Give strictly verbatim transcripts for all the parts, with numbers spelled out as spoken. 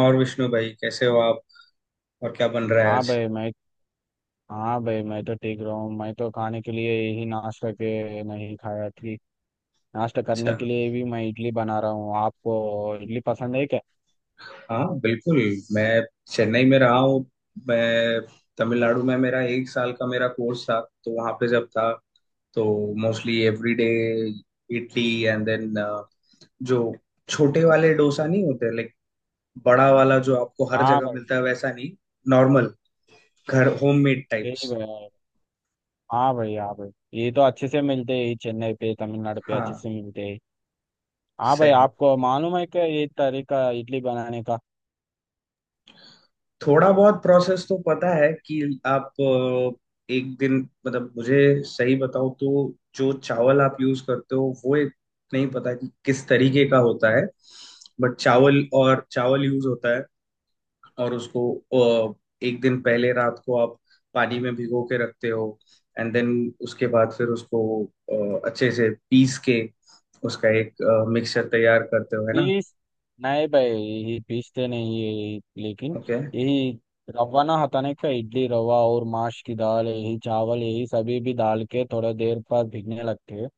और विष्णु भाई, कैसे हो आप? और क्या बन रहा है हाँ आज? भाई मैं हाँ भाई मैं तो ठीक रहा हूँ। मैं तो खाने के लिए यही नाश्ता के नहीं खाया कि नाश्ता करने अच्छा। के लिए भी मैं इडली बना रहा हूँ। आपको इडली पसंद है क्या? हाँ, बिल्कुल। मैं चेन्नई में रहा हूँ। मैं तमिलनाडु में, मेरा एक साल का मेरा कोर्स था, तो वहाँ पे जब था तो mostly everyday idli and then जो छोटे वाले डोसा नहीं होते, लाइक बड़ा वाला जो आपको हर हाँ जगह भाई। मिलता है वैसा नहीं, नॉर्मल घर होममेड यही टाइप्स। भाई। हाँ भाई हाँ भाई। ये तो अच्छे से मिलते हैं, ये चेन्नई पे तमिलनाडु पे अच्छे हाँ। से मिलते हैं। हाँ भाई सही। आपको मालूम है क्या ये तरीका इडली बनाने का? थोड़ा बहुत प्रोसेस तो पता है कि आप अ, एक दिन, मतलब मुझे सही बताओ तो जो चावल आप यूज करते हो वो एक, नहीं पता कि किस तरीके का होता है, बट चावल और चावल यूज होता है, और उसको अ, एक दिन पहले रात को आप पानी में भिगो के रखते हो, एंड देन उसके बाद फिर उसको अ, अच्छे से पीस के उसका एक मिक्सचर तैयार करते हो, है ना? पीस। नहीं भाई यही पीसते नहीं है यही, लेकिन ओके। यही रवा ना हटाने का, इडली रवा और माश की दाल यही चावल यही सभी भी डाल के थोड़ा देर पर भीगने लगते हैं।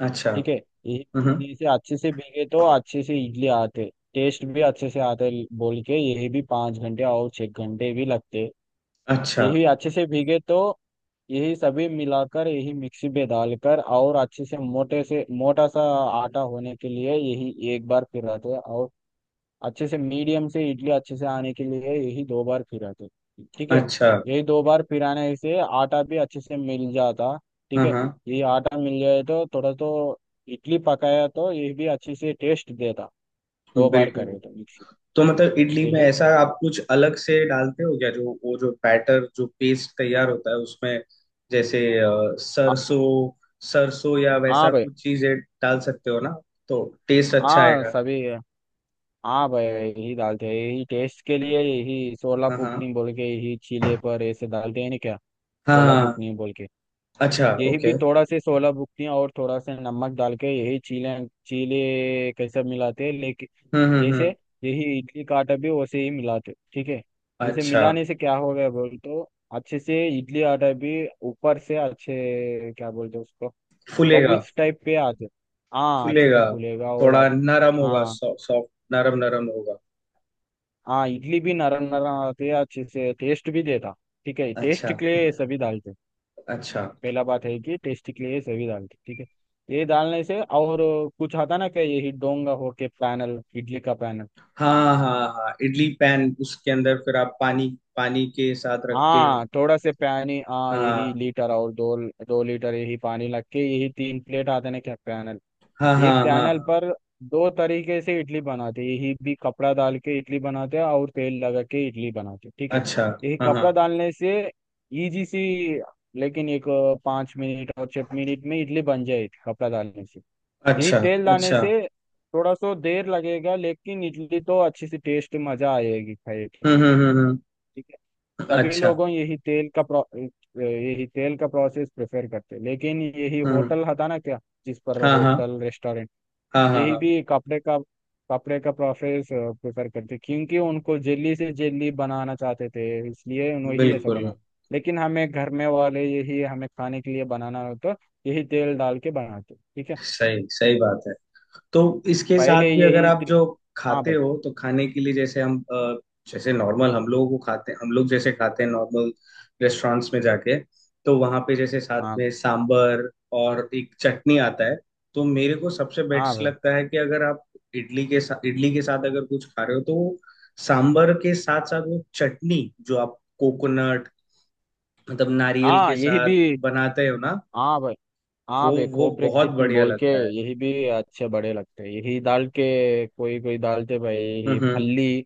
अच्छा। ठीक है यही। हम्म। भीगने से अच्छे से भीगे तो अच्छे से इडली आते, टेस्ट भी अच्छे से आते, बोल के यही भी पाँच घंटे और छः घंटे भी लगते। अच्छा। यही अच्छे से भीगे तो यही सभी मिलाकर यही मिक्सी में डालकर और अच्छे से मोटे से मोटा सा आटा होने के लिए यही एक बार फिराते और अच्छे से मीडियम से इडली अच्छे से आने के लिए यही दो बार फिराते। ठीक है। अच्छा। यही दो बार फिराने से आटा भी अच्छे से मिल जाता। ठीक हाँ, है। हाँ, ये आटा मिल जाए तो थोड़ा तो इडली पकाया तो ये भी अच्छे से टेस्ट देता दो बार बिल्कुल। करे तो मिक्सी। तो मतलब इडली ये में है। ऐसा आप कुछ अलग से डालते हो क्या, जो वो जो बैटर जो पेस्ट तैयार होता है उसमें, जैसे अ, आ- सरसों, सरसों या हाँ वैसा भाई। कुछ चीजें डाल सकते हो ना, तो टेस्ट अच्छा हाँ आएगा। सभी। हाँ भाई यही डालते हैं यही टेस्ट के लिए, यही सोला हाँ, हाँ। बुकनी बोल के, यही चीले पर ऐसे डालते हैं ना क्या? सोला हाँ। बुकनी बोल के। अच्छा, यही भी ओके। थोड़ा से सोलह बुकतियाँ और थोड़ा से नमक डाल के यही चीले चीले कैसे मिलाते हैं लेकिन। हम्म, हम्म, जैसे हम्म। यही इडली का आटा भी वैसे ही मिलाते। ठीक है। इसे अच्छा। मिलाने से क्या हो गया बोल तो अच्छे से इडली आटा भी ऊपर से अच्छे क्या बोलते उसको फूलेगा। बबल्स टाइप पे आते। हाँ अच्छे से फूलेगा, फूलेगा और आ- थोड़ा नरम होगा, हाँ सॉफ्ट सॉफ्ट नरम नरम होगा। हाँ इडली भी नरम नरम आती है अच्छे से टेस्ट भी देता। ठीक है अच्छा। टेस्ट के लिए ये सभी डालते। अच्छा। पहला बात है कि टेस्टी के लिए सभी दाल की, ठीक है। ये डालने से और कुछ आता ना क्या यही डोंगा होके पैनल, इडली का पैनल। हाँ, हाँ, हाँ, इडली पैन, उसके अंदर फिर आप पानी, पानी के साथ रख के। हाँ थोड़ा से पानी, हाँ यही हाँ। लीटर और दो दो लीटर यही पानी लग के यही तीन प्लेट आते ना क्या पैनल। हाँ, ये हाँ, हाँ, पैनल हाँ। पर दो तरीके से इडली बनाते हैं। यही भी कपड़ा डाल के इडली बनाते हैं और तेल लगा के इडली बनाते हैं, ठीक है। अच्छा। यही हाँ, हाँ। कपड़ा डालने से इजी सी, लेकिन एक अ, पाँच मिनट और छह मिनट में इडली बन जाएगी कपड़ा डालने से। यही अच्छा। तेल लाने अच्छा। से थोड़ा सो देर लगेगा लेकिन इडली तो अच्छी सी टेस्ट मजा आएगी खाए के। हम्म, हम्म, हम्म। ठीक है। हम्म, सभी अच्छा। लोगों यही तेल का प्रो यही तेल का प्रोसेस प्रेफर करते हैं लेकिन यही हम्म। होटल था ना क्या? जिस पर हाँ, हाँ, होटल रेस्टोरेंट हाँ, हाँ, यही हाँ, भी कपड़े का कपड़े का प्रोसेस प्रेफर करते क्योंकि उनको जेली से जेली बनाना चाहते थे इसलिए वही ऐसा बिल्कुल। बना। लेकिन हमें घर में वाले यही हमें खाने के लिए बनाना हो तो यही तेल डाल के बनाते। ठीक है। सही, सही बात है। तो इसके साथ पहले भी अगर यही आप त्रि- जो हाँ खाते भाई। हो तो खाने के लिए, जैसे हम अ, जैसे नॉर्मल, हम लोगों को खाते हम लोग जैसे खाते हैं नॉर्मल, रेस्टोरेंट्स में जाके, तो वहाँ पे जैसे साथ हाँ। में सांबर और एक चटनी आता है, तो मेरे को सबसे हाँ बेस्ट भाई। लगता है कि अगर आप इडली के साथ, इडली के साथ अगर कुछ खा रहे हो तो वो सांबर के साथ साथ वो चटनी जो आप कोकोनट, मतलब नारियल हाँ के यही साथ भी। बनाते हो ना, हाँ भाई वो हाँ भाई वो खोपरे बहुत की चटनी बढ़िया बोल के। लगता यही भी अच्छे बड़े लगते हैं यही डाल के कोई कोई डालते भाई यही है। फल्ली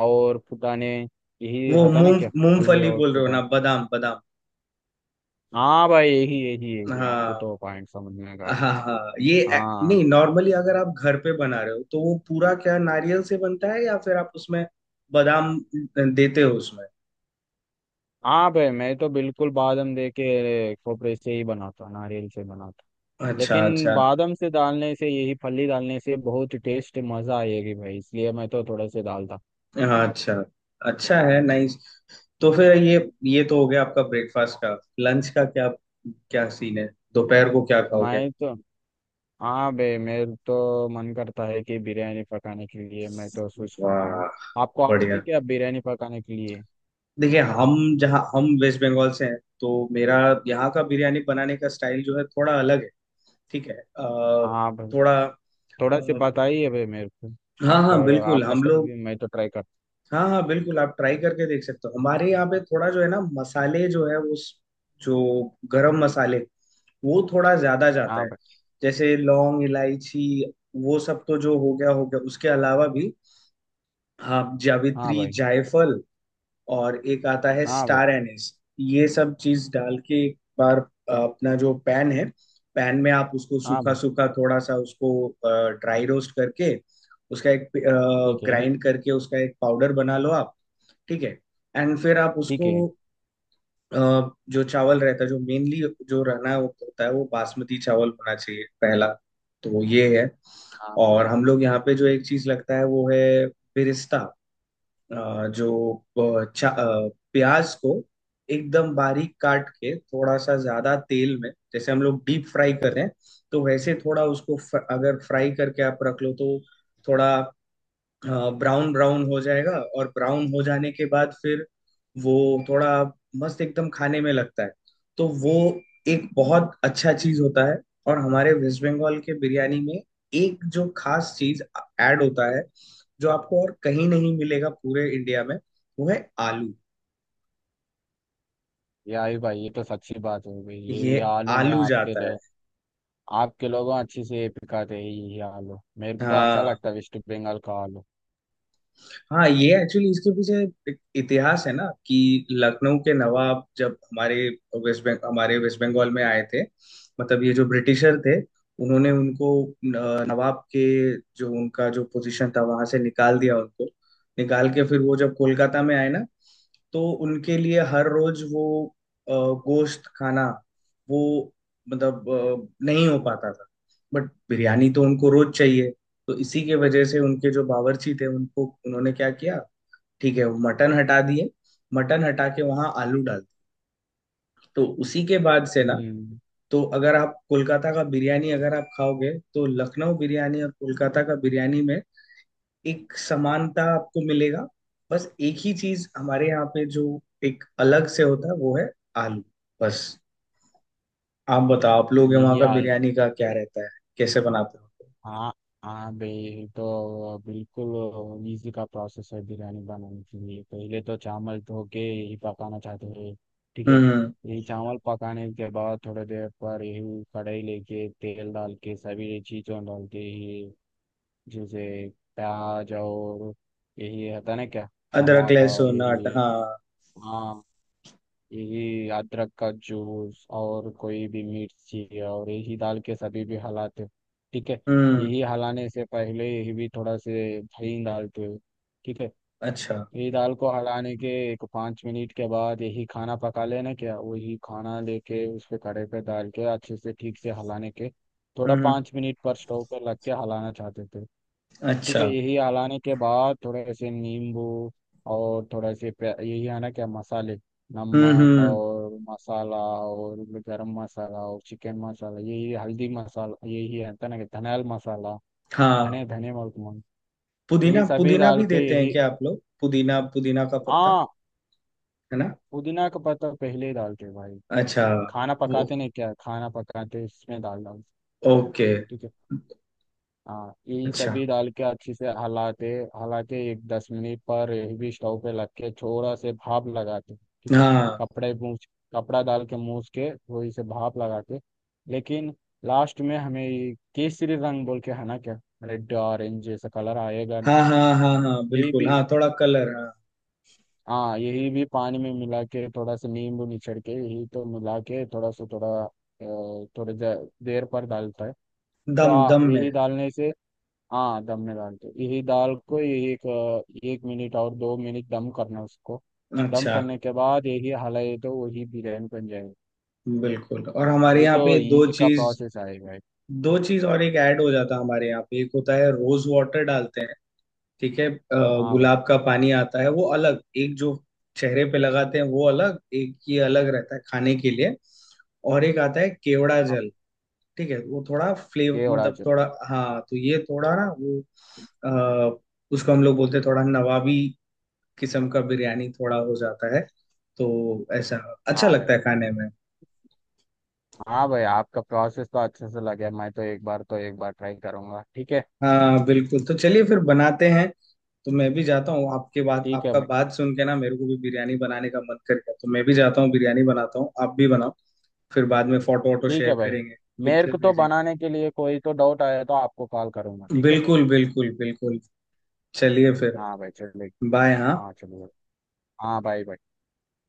और फुटाने, यही वो होता ना मूंग, क्या फल्ली मूंगफली और बोल रहे हो फुटाने। ना, बादाम, बादाम। हाँ भाई यही यही यही आपको हाँ, तो पॉइंट समझ में आ गए। हाँ, हाँ, ये ए- हाँ। नहीं, नॉर्मली अगर आप घर पे बना रहे हो तो वो पूरा क्या नारियल से बनता है, या फिर आप उसमें बादाम देते हो उसमें? हाँ भाई मैं तो बिल्कुल बादाम दे के खोपरे से ही बनाता नारियल से बनाता। अच्छा, लेकिन अच्छा। बादाम से डालने से यही फली डालने से बहुत टेस्ट मजा आएगी भाई इसलिए मैं तो थोड़ा से डालता। हाँ, अच्छा। अच्छा है, नाइस। तो फिर ये ये तो हो गया आपका ब्रेकफास्ट का, लंच का क्या, क्या सीन है, दोपहर को क्या खाओगे? मैं तो। हाँ बे मेरे तो मन करता है कि बिरयानी पकाने के लिए मैं तो सोचता हूँ। वाह। आपको आती बढ़िया। है क्या बिरयानी पकाने के लिए? देखिए, हम जहाँ हम वेस्ट बंगाल से हैं, तो मेरा यहाँ का बिरयानी बनाने का स्टाइल जो है थोड़ा अलग है, ठीक है। अ, हाँ भाई। थोड़ा थोड़ा से अ, बताइए भाई मेरे को। हाँ, आपका हाँ, बिल्कुल आपका हम स्टाइल लोग, भी मैं तो ट्राई करता। हाँ, हाँ, बिल्कुल आप ट्राई करके देख सकते हो। हमारे यहाँ पे थोड़ा जो है ना, मसाले जो है वो स- जो गरम मसाले, वो थोड़ा ज्यादा जाता हाँ है। भाई जैसे लौंग, इलायची, वो सब तो जो हो गया हो गया, उसके अलावा भी आप हाँ जावित्री, भाई जायफल, और एक आता है हाँ भाई स्टार एनिस। ये सब चीज डाल के एक बार अ, अपना जो पैन है, पैन में आप उसको हाँ सूखा भाई। सूखा थोड़ा सा उसको ड्राई रोस्ट करके उसका एक, ठीक है ग्राइंड करके उसका एक पाउडर बना लो आप, ठीक है। एंड फिर आप ठीक उसको है। अ, जो चावल रहता है जो मेनली जो रहना है वो होता है, वो बासमती चावल होना चाहिए पहला। तो ये है। हाँ और हम लोग यहाँ पे जो एक चीज लगता है वो है बिरिस्ता। अ, जो अ, चा- अ, प्याज को एकदम बारीक काट के, थोड़ा सा ज्यादा तेल में जैसे हम लोग डीप फ्राई कर रहे हैं, तो वैसे थोड़ा उसको फ्र, अगर फ्राई करके आप रख लो तो थोड़ा, हाँ, ब्राउन ब्राउन हो जाएगा। और ब्राउन हो जाने के बाद फिर वो थोड़ा मस्त एकदम खाने में लगता है, तो वो एक बहुत अच्छा चीज होता है। और हमारे वेस्ट बंगाल के बिरयानी में एक जो खास चीज ऐड होता है, जो आपको और कहीं नहीं मिलेगा पूरे इंडिया में, वो है आलू। यार भाई ये तो सच्ची बात हो गई ये यही आलू ने आलू आपके जाता है। ल- आपके लोगों अच्छे से पिकाते हैं यही आलू मेरे को तो अच्छा हाँ, लगता है वेस्ट बंगाल का आलू। हाँ, ये एक्चुअली इसके पीछे एक इतिहास है ना, कि लखनऊ के नवाब जब हमारे वेस्ट बंग हमारे वेस्ट बंगाल में आए थे, मतलब ये जो ब्रिटिशर थे उन्होंने उनको अ, नवाब के जो उनका जो पोजीशन था वहां से निकाल दिया उनको, निकाल के फिर वो जब कोलकाता में आए ना, तो उनके लिए हर रोज वो अ, गोश्त खाना वो मतलब अ, नहीं हो पाता था, बट बिरयानी तो उनको रोज चाहिए, तो इसी के वजह से उनके जो बावर्ची थे उनको, उन्होंने क्या किया, ठीक है, वो मटन हटा दिए, मटन हटा के वहां आलू डाल दिए। तो उसी के बाद से ना, हम्म। तो अगर आप कोलकाता का बिरयानी अगर आप खाओगे तो लखनऊ बिरयानी और कोलकाता का बिरयानी में एक समानता आपको मिलेगा, बस एक ही चीज हमारे यहाँ पे जो एक अलग से होता है वो है आलू, बस। आप बताओ, आप लोग वहाँ यही का आलू। बिरयानी का क्या रहता है, कैसे बनाते हो? हाँ। हाँ भाई तो बिल्कुल इजी का प्रोसेस है बिरयानी बनाने के लिए पहले तो चावल धो के ही पकाना चाहते हैं। ठीक है। हम्म। यही चावल पकाने के बाद थोड़ी देर पर यही कढ़ाई लेके तेल डाल के सभी चीज़ों डाल के ही, जैसे प्याज और यही होता ना क्या अदरक, टमाटर लहसुन, आटा, यही। हाँ। हाँ। यही अदरक का जूस और कोई भी मिर्ची और यही डाल के सभी भी हलाते हो। ठीक है। हम्म। यही हलाने से पहले यही भी थोड़ा से दही डालते हो। ठीक है। अच्छा। यही दाल को हलाने के एक पाँच मिनट के बाद यही खाना पका लेना क्या वही खाना लेके उस पे कड़े पे डाल के अच्छे से ठीक से हलाने के थोड़ा हम्म। पाँच मिनट पर स्टोव पर लग के हलाना चाहते थे। ठीक अच्छा। है। यही हलाने के बाद थोड़े से नींबू और थोड़े से प्या- यही आना क्या मसाले, हम्म, नमक हम्म। और मसाला और गरम मसाला और चिकन मसाला यही हल्दी मसाला यही है तना के धनियाल मसाला हाँ। धने धने मुर्क यही पुदीना, सभी पुदीना डाल भी के देते हैं यही। क्या आप लोग, पुदीना, पुदीना का पत्ता, हाँ। है ना? पुदीना का पत्ता पहले ही डालते भाई अच्छा। खाना वो, पकाते नहीं क्या खाना पकाते इसमें डाल डाल। ओके। ठीक है। हाँ ये अच्छा। सभी डाल के अच्छे से हलाते हलाके एक दस मिनट पर हेवी स्टोव पे लग के थोड़ा से भाप लगाते। ठीक है। हाँ, कपड़े मूछ कपड़ा डाल के मूछ के थोड़ी से भाप लगाते, लेकिन लास्ट में हमें ये केसरी रंग बोल के है ना क्या रेड ऑरेंज जैसा कलर आएगा ना? हाँ, हाँ, हाँ, हाँ, यही बिल्कुल, भी। हाँ, थोड़ा कलर, हाँ। हाँ यही भी पानी में मिला के थोड़ा सा नींबू निचड़ के यही तो मिला के थोड़ा सा थोड़ा अ, थोड़ी देर देर पर डालता है। सो दम, हाँ दम में। यही डालने से। हाँ दम में डालते हो। यही दाल को यही एक एक मिनट और दो मिनट दम करना उसको। दम अच्छा। करने के बाद यही हलाई तो वही बिरयानी बन जाएगी। बिल्कुल, और हमारे यही यहाँ तो पे दो इजी का चीज, प्रोसेस आएगा भाई। दो चीज और एक ऐड हो जाता है हमारे यहाँ पे, एक होता है रोज वाटर डालते हैं, ठीक है। अ, हाँ भाई। गुलाब का पानी आता है, वो अलग, एक जो चेहरे पे लगाते हैं वो अलग, एक ये अलग रहता है खाने के लिए। और एक आता है केवड़ा हाँ, जल, ठीक है, वो थोड़ा फ्लेवर, के उड़ा मतलब चुन। थोड़ा, हाँ, तो ये थोड़ा ना वो अ, उसको हम लोग बोलते हैं थोड़ा नवाबी किस्म का बिरयानी थोड़ा हो जाता है, तो ऐसा अच्छा हाँ भाई। लगता है खाने में। हाँ भाई आपका प्रोसेस तो अच्छे से लगे मैं तो एक बार तो एक बार ट्राई करूंगा। ठीक है। हाँ, बिल्कुल, तो चलिए फिर बनाते हैं। तो मैं भी जाता हूँ, आपके बात ठीक है आपका भाई। बात सुन के ना मेरे को भी बिरयानी बनाने का मन कर गया, तो मैं भी जाता हूँ, बिरयानी बनाता हूँ, आप भी बनाओ। फिर बाद में फोटो वोटो ठीक शेयर है भाई। करेंगे, मेरे पिक्चर को तो भेजेंगे। बनाने के लिए कोई तो डाउट आया तो आपको कॉल करूंगा। ठीक है। बिल्कुल, बिल्कुल, बिल्कुल। चलिए फिर, हाँ भाई चलिए। बाय, हाँ। हाँ चलिए। हाँ भाई भाई।